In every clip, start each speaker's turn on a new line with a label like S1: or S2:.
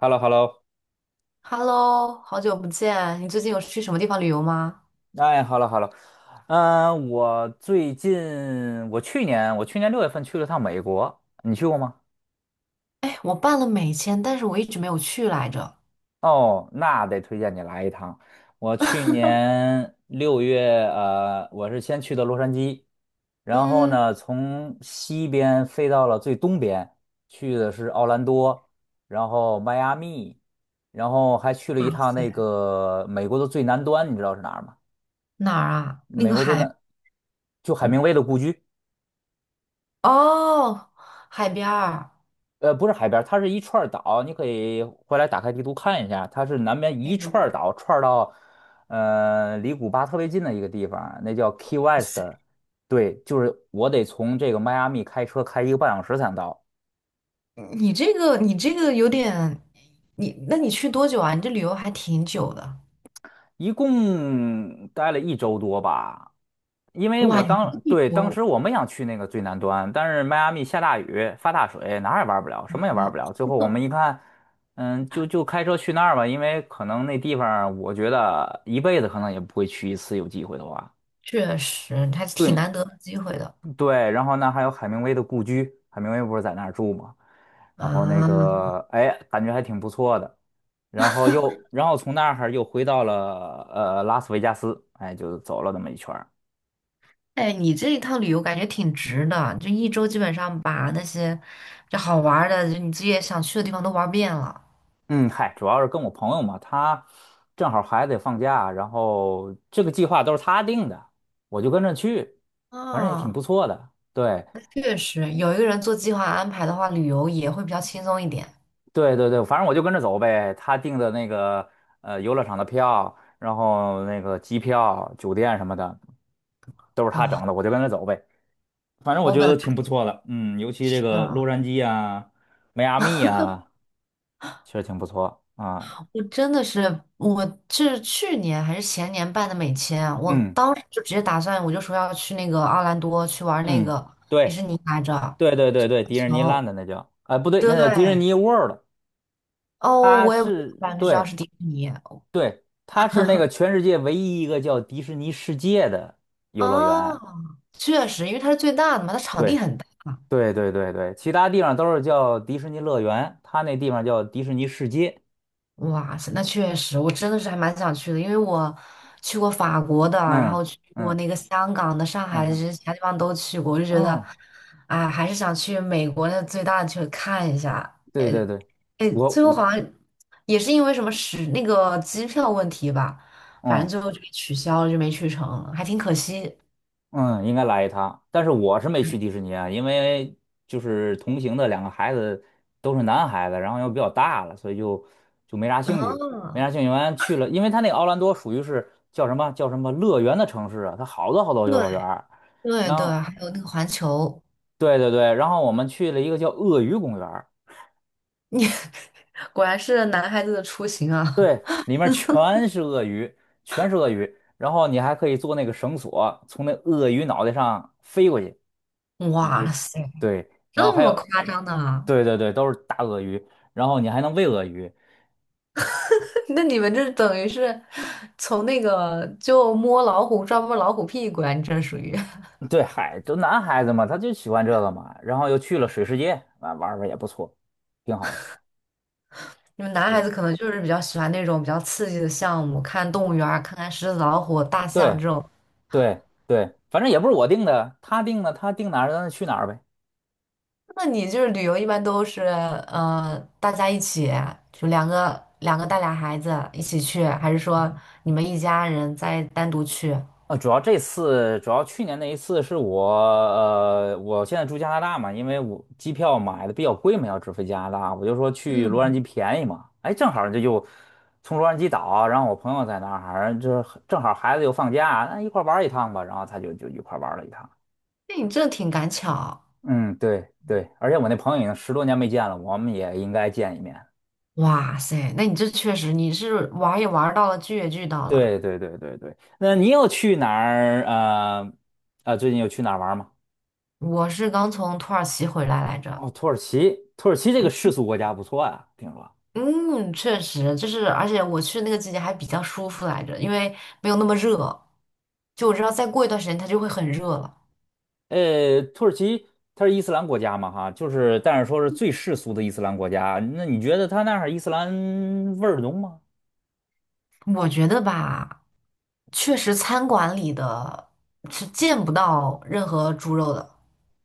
S1: h e l l o h e l l o。
S2: Hello，好久不见，你最近有去什么地方旅游吗？
S1: 哎， h e l l o h e l l o。 我最近，我去年6月份去了趟美国，你去过吗？
S2: 哎，我办了美签，但是我一直没有去来着。
S1: 哦，那得推荐你来一趟。我去 年六月，我是先去的洛杉矶，然后
S2: 嗯，
S1: 呢，从西边飞到了最东边，去的是奥兰多，然后迈阿密，然后还去了一
S2: 哇
S1: 趟
S2: 塞，
S1: 那个美国的最南端，你知道是哪儿吗？
S2: 哪儿啊？那
S1: 美
S2: 个
S1: 国最
S2: 海，
S1: 南，就海明
S2: 嗯，
S1: 威的故居。
S2: 哦，海边儿。
S1: 不是海边儿，它是一串儿岛，你可以回来打开地图看一下，它是南边
S2: 哎
S1: 一
S2: 呦
S1: 串儿
S2: 哇
S1: 岛串儿到，离古巴特别近的一个地方，那叫 Key West。
S2: 塞，
S1: 对，就是我得从这个迈阿密开车开1个半小时才能到。
S2: 嗯，你这个有点，那你去多久啊？你这旅游还挺久的。
S1: 一共待了一周多吧，因为
S2: 哇，你 这旅
S1: 对，当
S2: 游，
S1: 时我们想去那个最南端，但是迈阿密下大雨，发大水，哪儿也玩不了，什么也玩不了。最
S2: 哇，
S1: 后我 们一看，就开车去那儿吧，因为可能那地方我觉得一辈子可能也不会去一次，有机会的话。
S2: 确实还是挺
S1: 对，
S2: 难得的机会的
S1: 对，然后呢还有海明威的故居，海明威不是在那儿住吗？然后那
S2: 啊。
S1: 个，哎，感觉还挺不错的。然后又，然后从那儿又回到了拉斯维加斯，哎，就走了那么一圈儿。
S2: 哎，你这一趟旅游感觉挺值的，就一周基本上把那些就好玩儿的，就你自己也想去的地方都玩遍了。
S1: 嗯，嗨，主要是跟我朋友嘛，他正好孩子也放假，然后这个计划都是他定的，我就跟着去，反正也挺不
S2: 啊，
S1: 错的。对，
S2: 确实，有一个人做计划安排的话，旅游也会比较轻松一点。
S1: 对对对，反正我就跟着走呗。他订的那个游乐场的票，然后那个机票、酒店什么的都是他
S2: 哦，
S1: 整的，我就跟着走呗。反正我
S2: 我
S1: 觉
S2: 本来
S1: 得挺不错的，尤其这
S2: 是
S1: 个
S2: 的，
S1: 洛杉矶啊、迈阿密啊，确实挺不错啊。
S2: 我是去年还是前年办的美签啊，我
S1: 嗯
S2: 当时就直接打算，我就说要去那个奥兰多去玩那
S1: 嗯，
S2: 个迪士
S1: 对
S2: 尼来着，
S1: 对对对对，迪士尼
S2: 球，
S1: land 那叫，哎、不对，
S2: 对，
S1: 那叫迪士尼 World，
S2: 哦，我也不是知道
S1: 对
S2: 是迪士尼。
S1: 对，它是那个全世界唯一一个叫迪士尼世界的游乐
S2: 哦，
S1: 园。
S2: 确实，因为它是最大的嘛，它场地
S1: 对。
S2: 很大。
S1: 对对对对，其他地方都是叫迪士尼乐园，他那地方叫迪士尼世界。
S2: 哇塞，那确实，我真的是还蛮想去的，因为我去过法国的，然
S1: 嗯
S2: 后去过
S1: 嗯
S2: 那个香港的、上
S1: 嗯
S2: 海的，这
S1: 哼
S2: 些其他地方都去过，我就觉得，
S1: 嗯，
S2: 哎，还是想去美国那最大的去看一下。哎
S1: 对对对，
S2: 哎，
S1: 我
S2: 最后
S1: 我
S2: 好像也是因为什么使那个机票问题吧，反正
S1: 嗯
S2: 最后就给取消了，就没去成，还挺可惜。
S1: 嗯，应该来一趟，但是我是没去迪士尼啊，因为就是同行的2个孩子都是男孩子，然后又比较大了，所以就没啥兴趣，没
S2: 嗯，
S1: 啥兴趣。完去了，因为他那个奥兰多属于是叫什么叫什么乐园的城市啊，它好多好多游乐园儿
S2: 对
S1: 然
S2: 对，
S1: 后
S2: 还有那个环球。
S1: 对对对，然后我们去了一个叫鳄鱼公园。
S2: 你 果然是男孩子的出行啊！
S1: 对，里面全是鳄鱼，全是鳄鱼。然后你还可以做那个绳索，从那鳄鱼脑袋上飞过去，就
S2: 哇塞，
S1: 对。然后
S2: 这
S1: 还
S2: 么
S1: 有，
S2: 夸张的啊？
S1: 对对对，都是大鳄鱼。然后你还能喂鳄鱼。
S2: 那你们这等于是从那个就摸老虎屁股啊！你这属于
S1: 对，嗨，都男孩子嘛，他就喜欢这个嘛。然后又去了水世界，啊，玩儿玩儿也不错，挺好的。
S2: 你们男孩
S1: 对
S2: 子可能就是比较喜欢那种比较刺激的项目，看动物园儿，看看狮子、老虎、大象
S1: 对
S2: 这种。
S1: 对对，反正也不是我定的，他定的，他定哪儿咱就去哪儿呗。
S2: 那你就是旅游一般都是大家一起，就两个两个带俩孩子一起去，还是说你们一家人再单独去？
S1: 啊，主要去年那一次是我，我现在住加拿大嘛，因为我机票买的比较贵嘛，要直飞加拿大，我就说去洛杉矶便宜嘛，哎，正好这就从洛杉矶岛，然后我朋友在那儿，就正好孩子又放假，那一块儿玩儿一趟吧，然后他就一块儿玩儿了一趟。
S2: 那你这挺赶巧。
S1: 嗯，对对，而且我那朋友已经10多年没见了，我们也应该见一面。
S2: 哇塞，那你这确实你是玩儿也玩儿到了，剧也剧到了。
S1: 对对对对对，那你有去哪儿？最近有去哪儿玩儿吗？
S2: 我是刚从土耳其回来来着，
S1: 哦，土耳其，土耳其这个世俗国家不错啊，听说。
S2: 嗯，确实就是，而且我去那个季节还比较舒服来着，因为没有那么热。就我知道再过一段时间它就会很热了。
S1: 土耳其它是伊斯兰国家嘛，哈，就是但是说是最世俗的伊斯兰国家。那你觉得它那儿伊斯兰味儿浓吗？
S2: 我觉得吧，确实餐馆里的是见不到任何猪肉的，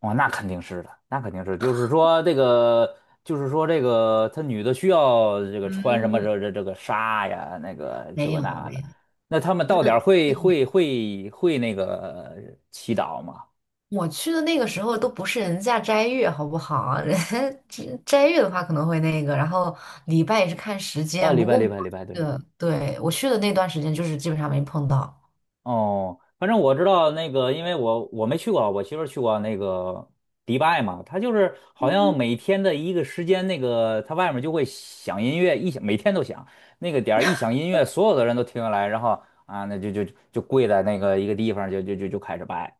S1: 哦，那肯定是的，那肯定是，就是说这个，他女的需要这个穿什么
S2: 嗯，
S1: 这个纱呀，那个这
S2: 没
S1: 个
S2: 有
S1: 那的。
S2: 没
S1: 那他们到点儿会
S2: 有。
S1: 会会会那个祈祷吗？
S2: 我去的那个时候都不是人家斋月，好不好？人家斋月的话可能会那个，然后礼拜也是看时
S1: 啊，
S2: 间。
S1: 礼
S2: 不
S1: 拜
S2: 过我
S1: 礼
S2: 去
S1: 拜礼拜，对。
S2: 的，对，我去的那段时间就是基本上没碰到。
S1: 哦，反正我知道那个，因为我没去过，我媳妇儿去过那个迪拜嘛，她就是好像每天的一个时间，那个她外面就会响音乐，一响每天都响，那个点儿一响音乐，所有的人都停下来，然后啊，那就跪在那个一个地方，就开始拜，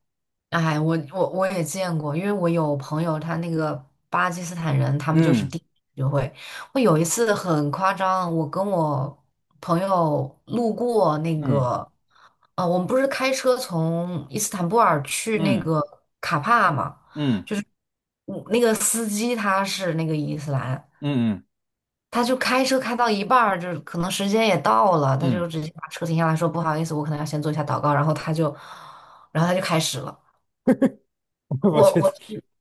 S2: 哎，我也见过，因为我有朋友，他那个巴基斯坦人，他们就是
S1: 嗯
S2: 第一次学会。我有一次很夸张，我跟我朋友路过那
S1: 嗯
S2: 个，我们不是开车从伊斯坦布尔去那
S1: 嗯
S2: 个卡帕嘛，
S1: 嗯
S2: 就是我那个司机他是那个伊斯兰，
S1: 嗯
S2: 他就开车开到一半儿，就是可能时间也到了，他
S1: 嗯嗯，
S2: 就直接把车停下来说不好意思，我可能要先做一下祷告，然后他就，开始了。
S1: 我
S2: 我
S1: 觉得
S2: 我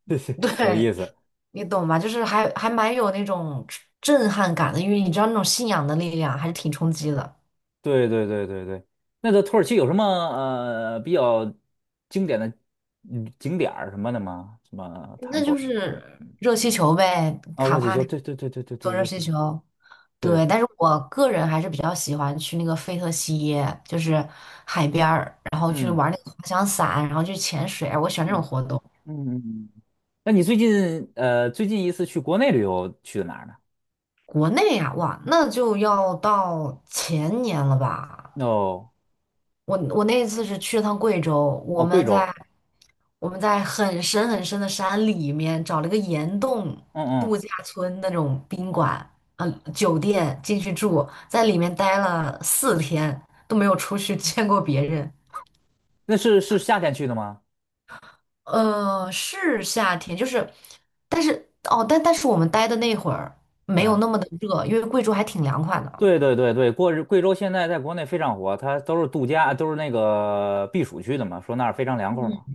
S1: 有意
S2: 对，
S1: 思。
S2: 你懂吧？就是还蛮有那种震撼感的，因为你知道那种信仰的力量还是挺冲击的。
S1: 对对对对对，那个土耳其有什么比较经典的景点儿什么的吗？什么坦
S2: 那
S1: 博
S2: 就
S1: 尔是？
S2: 是热气球呗，
S1: 哦，
S2: 卡
S1: 热气
S2: 帕
S1: 球，
S2: 那
S1: 对对对对对对，
S2: 坐热
S1: 热
S2: 气
S1: 气球，
S2: 球。对，
S1: 对，
S2: 但是我个人还是比较喜欢去那个费特西耶，就是海边儿，然后去
S1: 嗯
S2: 玩那个滑翔伞，然后去潜水，我喜欢这种
S1: 嗯
S2: 活动。
S1: 嗯嗯。嗯。那你最近最近一次去国内旅游去的哪儿呢？
S2: 国内呀、哇，那就要到前年了吧？
S1: 哦
S2: 我那一次是去了趟贵州，我
S1: 哦，贵
S2: 们在
S1: 州，
S2: 我们在很深很深的山里面找了个岩洞
S1: 嗯嗯
S2: 度假村那种宾
S1: 哦，
S2: 馆，酒店进去住，在里面待了四天，都没有出去 见过别人。
S1: 那是夏天去的吗？
S2: 是夏天，就是，但是我们待的那会儿没有
S1: 嗯，
S2: 那么的热，因为贵州还挺凉快的。
S1: 对对对对，过日贵州现在在国内非常火，它都是度假，都是那个避暑区的嘛，说那儿非常凉快嘛。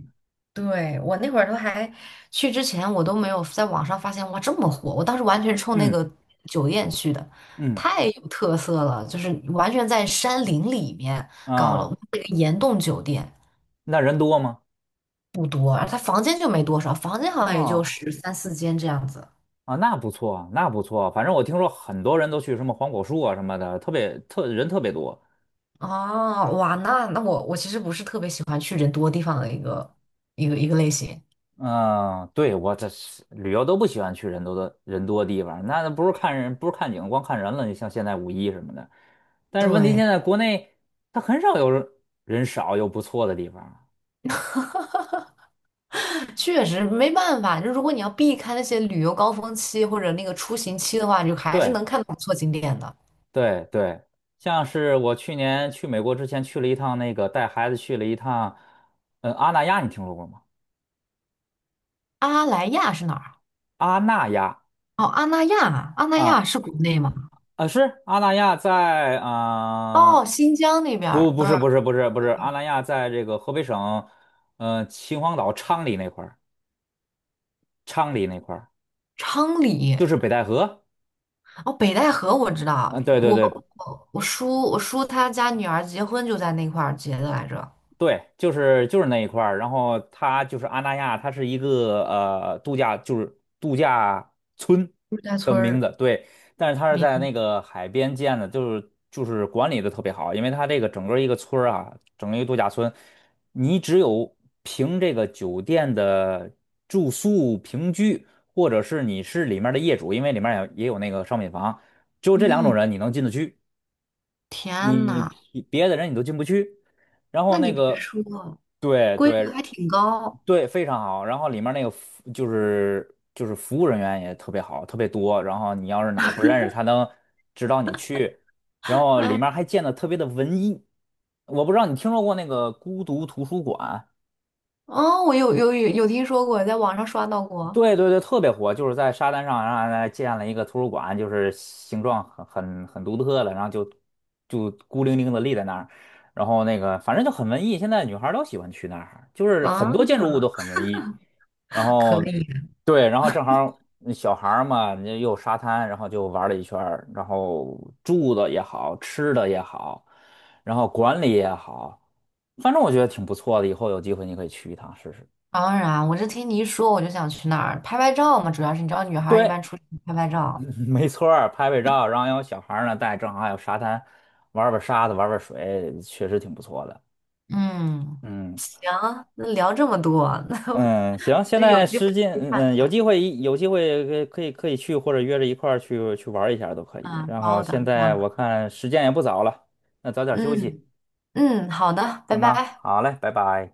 S2: 对，我那会儿都还去之前，我都没有在网上发现哇这么火。我当时完全冲那
S1: 嗯
S2: 个酒店去的，
S1: 嗯
S2: 太有特色了，就是完全在山林里面搞了
S1: 啊。
S2: 那个岩洞酒店，
S1: 那人多吗？
S2: 不多，而它房间就没多少，房间好像也就
S1: 哦
S2: 十三四间这样子。
S1: 啊，那不错啊，那不错啊。反正我听说很多人都去什么黄果树啊什么的，特别特人特别多。
S2: 哦，哇，那我其实不是特别喜欢去人多地方的一个类型。
S1: 嗯，对，我这是旅游都不喜欢去人多的地方，那不是看人，不是看景，光看人了。你像现在五一什么的，但是问题
S2: 对，
S1: 现在国内它很少有人人少又不错的地方。
S2: 确实没办法，就如果你要避开那些旅游高峰期或者那个出行期的话，你就还是
S1: 对
S2: 能看到不错景点的。
S1: 对对，像是我去年去美国之前去了一趟那个带孩子去了一趟，嗯，阿那亚，你听说过吗？
S2: 阿莱亚是哪儿啊？
S1: 阿那亚。
S2: 哦，阿那亚，阿那亚
S1: 啊，
S2: 是国内吗？
S1: 啊，是阿那亚在啊、
S2: 哦，新疆那边
S1: 不，
S2: 儿不
S1: 不
S2: 是
S1: 是，不是，不是，不是，阿那亚在这个河北省，嗯，秦皇岛昌黎那块儿，昌黎那块儿
S2: 昌黎，
S1: 就是北戴河，
S2: 哦，北戴河我知道，
S1: 嗯、对对
S2: 我
S1: 对，
S2: 我我叔我叔他家女儿结婚就在那块儿结的来着，
S1: 对，就是那一块儿，然后它就是阿那亚，它是一个度假，就是度假村
S2: 陆家
S1: 的
S2: 村
S1: 名
S2: 儿。
S1: 字，对，但是它是在
S2: 明
S1: 那个海边建的，就是管理的特别好，因为它这个整个一个村儿啊，整个一个度假村，你只有凭这个酒店的住宿平居，或者是你是里面的业主，因为里面也有那个商品房，只有这两
S2: 嗯，
S1: 种人你能进得去。
S2: 天
S1: 你
S2: 呐，
S1: 别的人你都进不去。然后
S2: 那你
S1: 那
S2: 别
S1: 个，
S2: 说，
S1: 对
S2: 规格
S1: 对
S2: 还挺高。
S1: 对，非常好。然后里面那个服就是就是服务人员也特别好，特别多。然后你要是哪儿不认识，他能指导你去。然后里
S2: 哎，
S1: 面还建的特别的文艺。我不知道你听说过那个孤独图书馆。
S2: 哦，我有听说过，在网上刷到过。
S1: 对对对，特别火，就是在沙滩上，然后呢建了一个图书馆，就是形状很独特的，然后就孤零零的立在那儿，然后那个反正就很文艺，现在女孩儿都喜欢去那儿，就是很
S2: 啊，
S1: 多建筑物都很文艺，然
S2: 可
S1: 后
S2: 以，
S1: 对，然后正好儿那小孩儿嘛，你又有沙滩，然后就玩了一圈儿，然后住的也好，吃的也好，然后管理也好，反正我觉得挺不错的，以后有机会你可以去一趟试试。
S2: 当然，我这听你一说，我就想去那儿拍拍照嘛。主要是你知道，女孩儿一
S1: 对，
S2: 般出去拍拍 照。
S1: 嗯没错儿，拍拍照，然后有小孩儿呢带，正好还有沙滩，玩儿玩儿沙子，玩儿玩儿水，确实挺不错的。
S2: 嗯，
S1: 嗯
S2: 行，那聊这么多，那我
S1: 嗯，行，现
S2: 就有
S1: 在
S2: 机会
S1: 时间，
S2: 去
S1: 嗯，
S2: 看
S1: 嗯有
S2: 看。
S1: 机会一有机会可以去，或者约着一块儿去玩儿一下都可以。
S2: 啊，
S1: 然后
S2: 包的，
S1: 现
S2: 包
S1: 在我
S2: 的。
S1: 看时间也不早了，那早点休息，
S2: 嗯嗯，好的，拜
S1: 行吗？
S2: 拜。
S1: 好嘞，拜拜。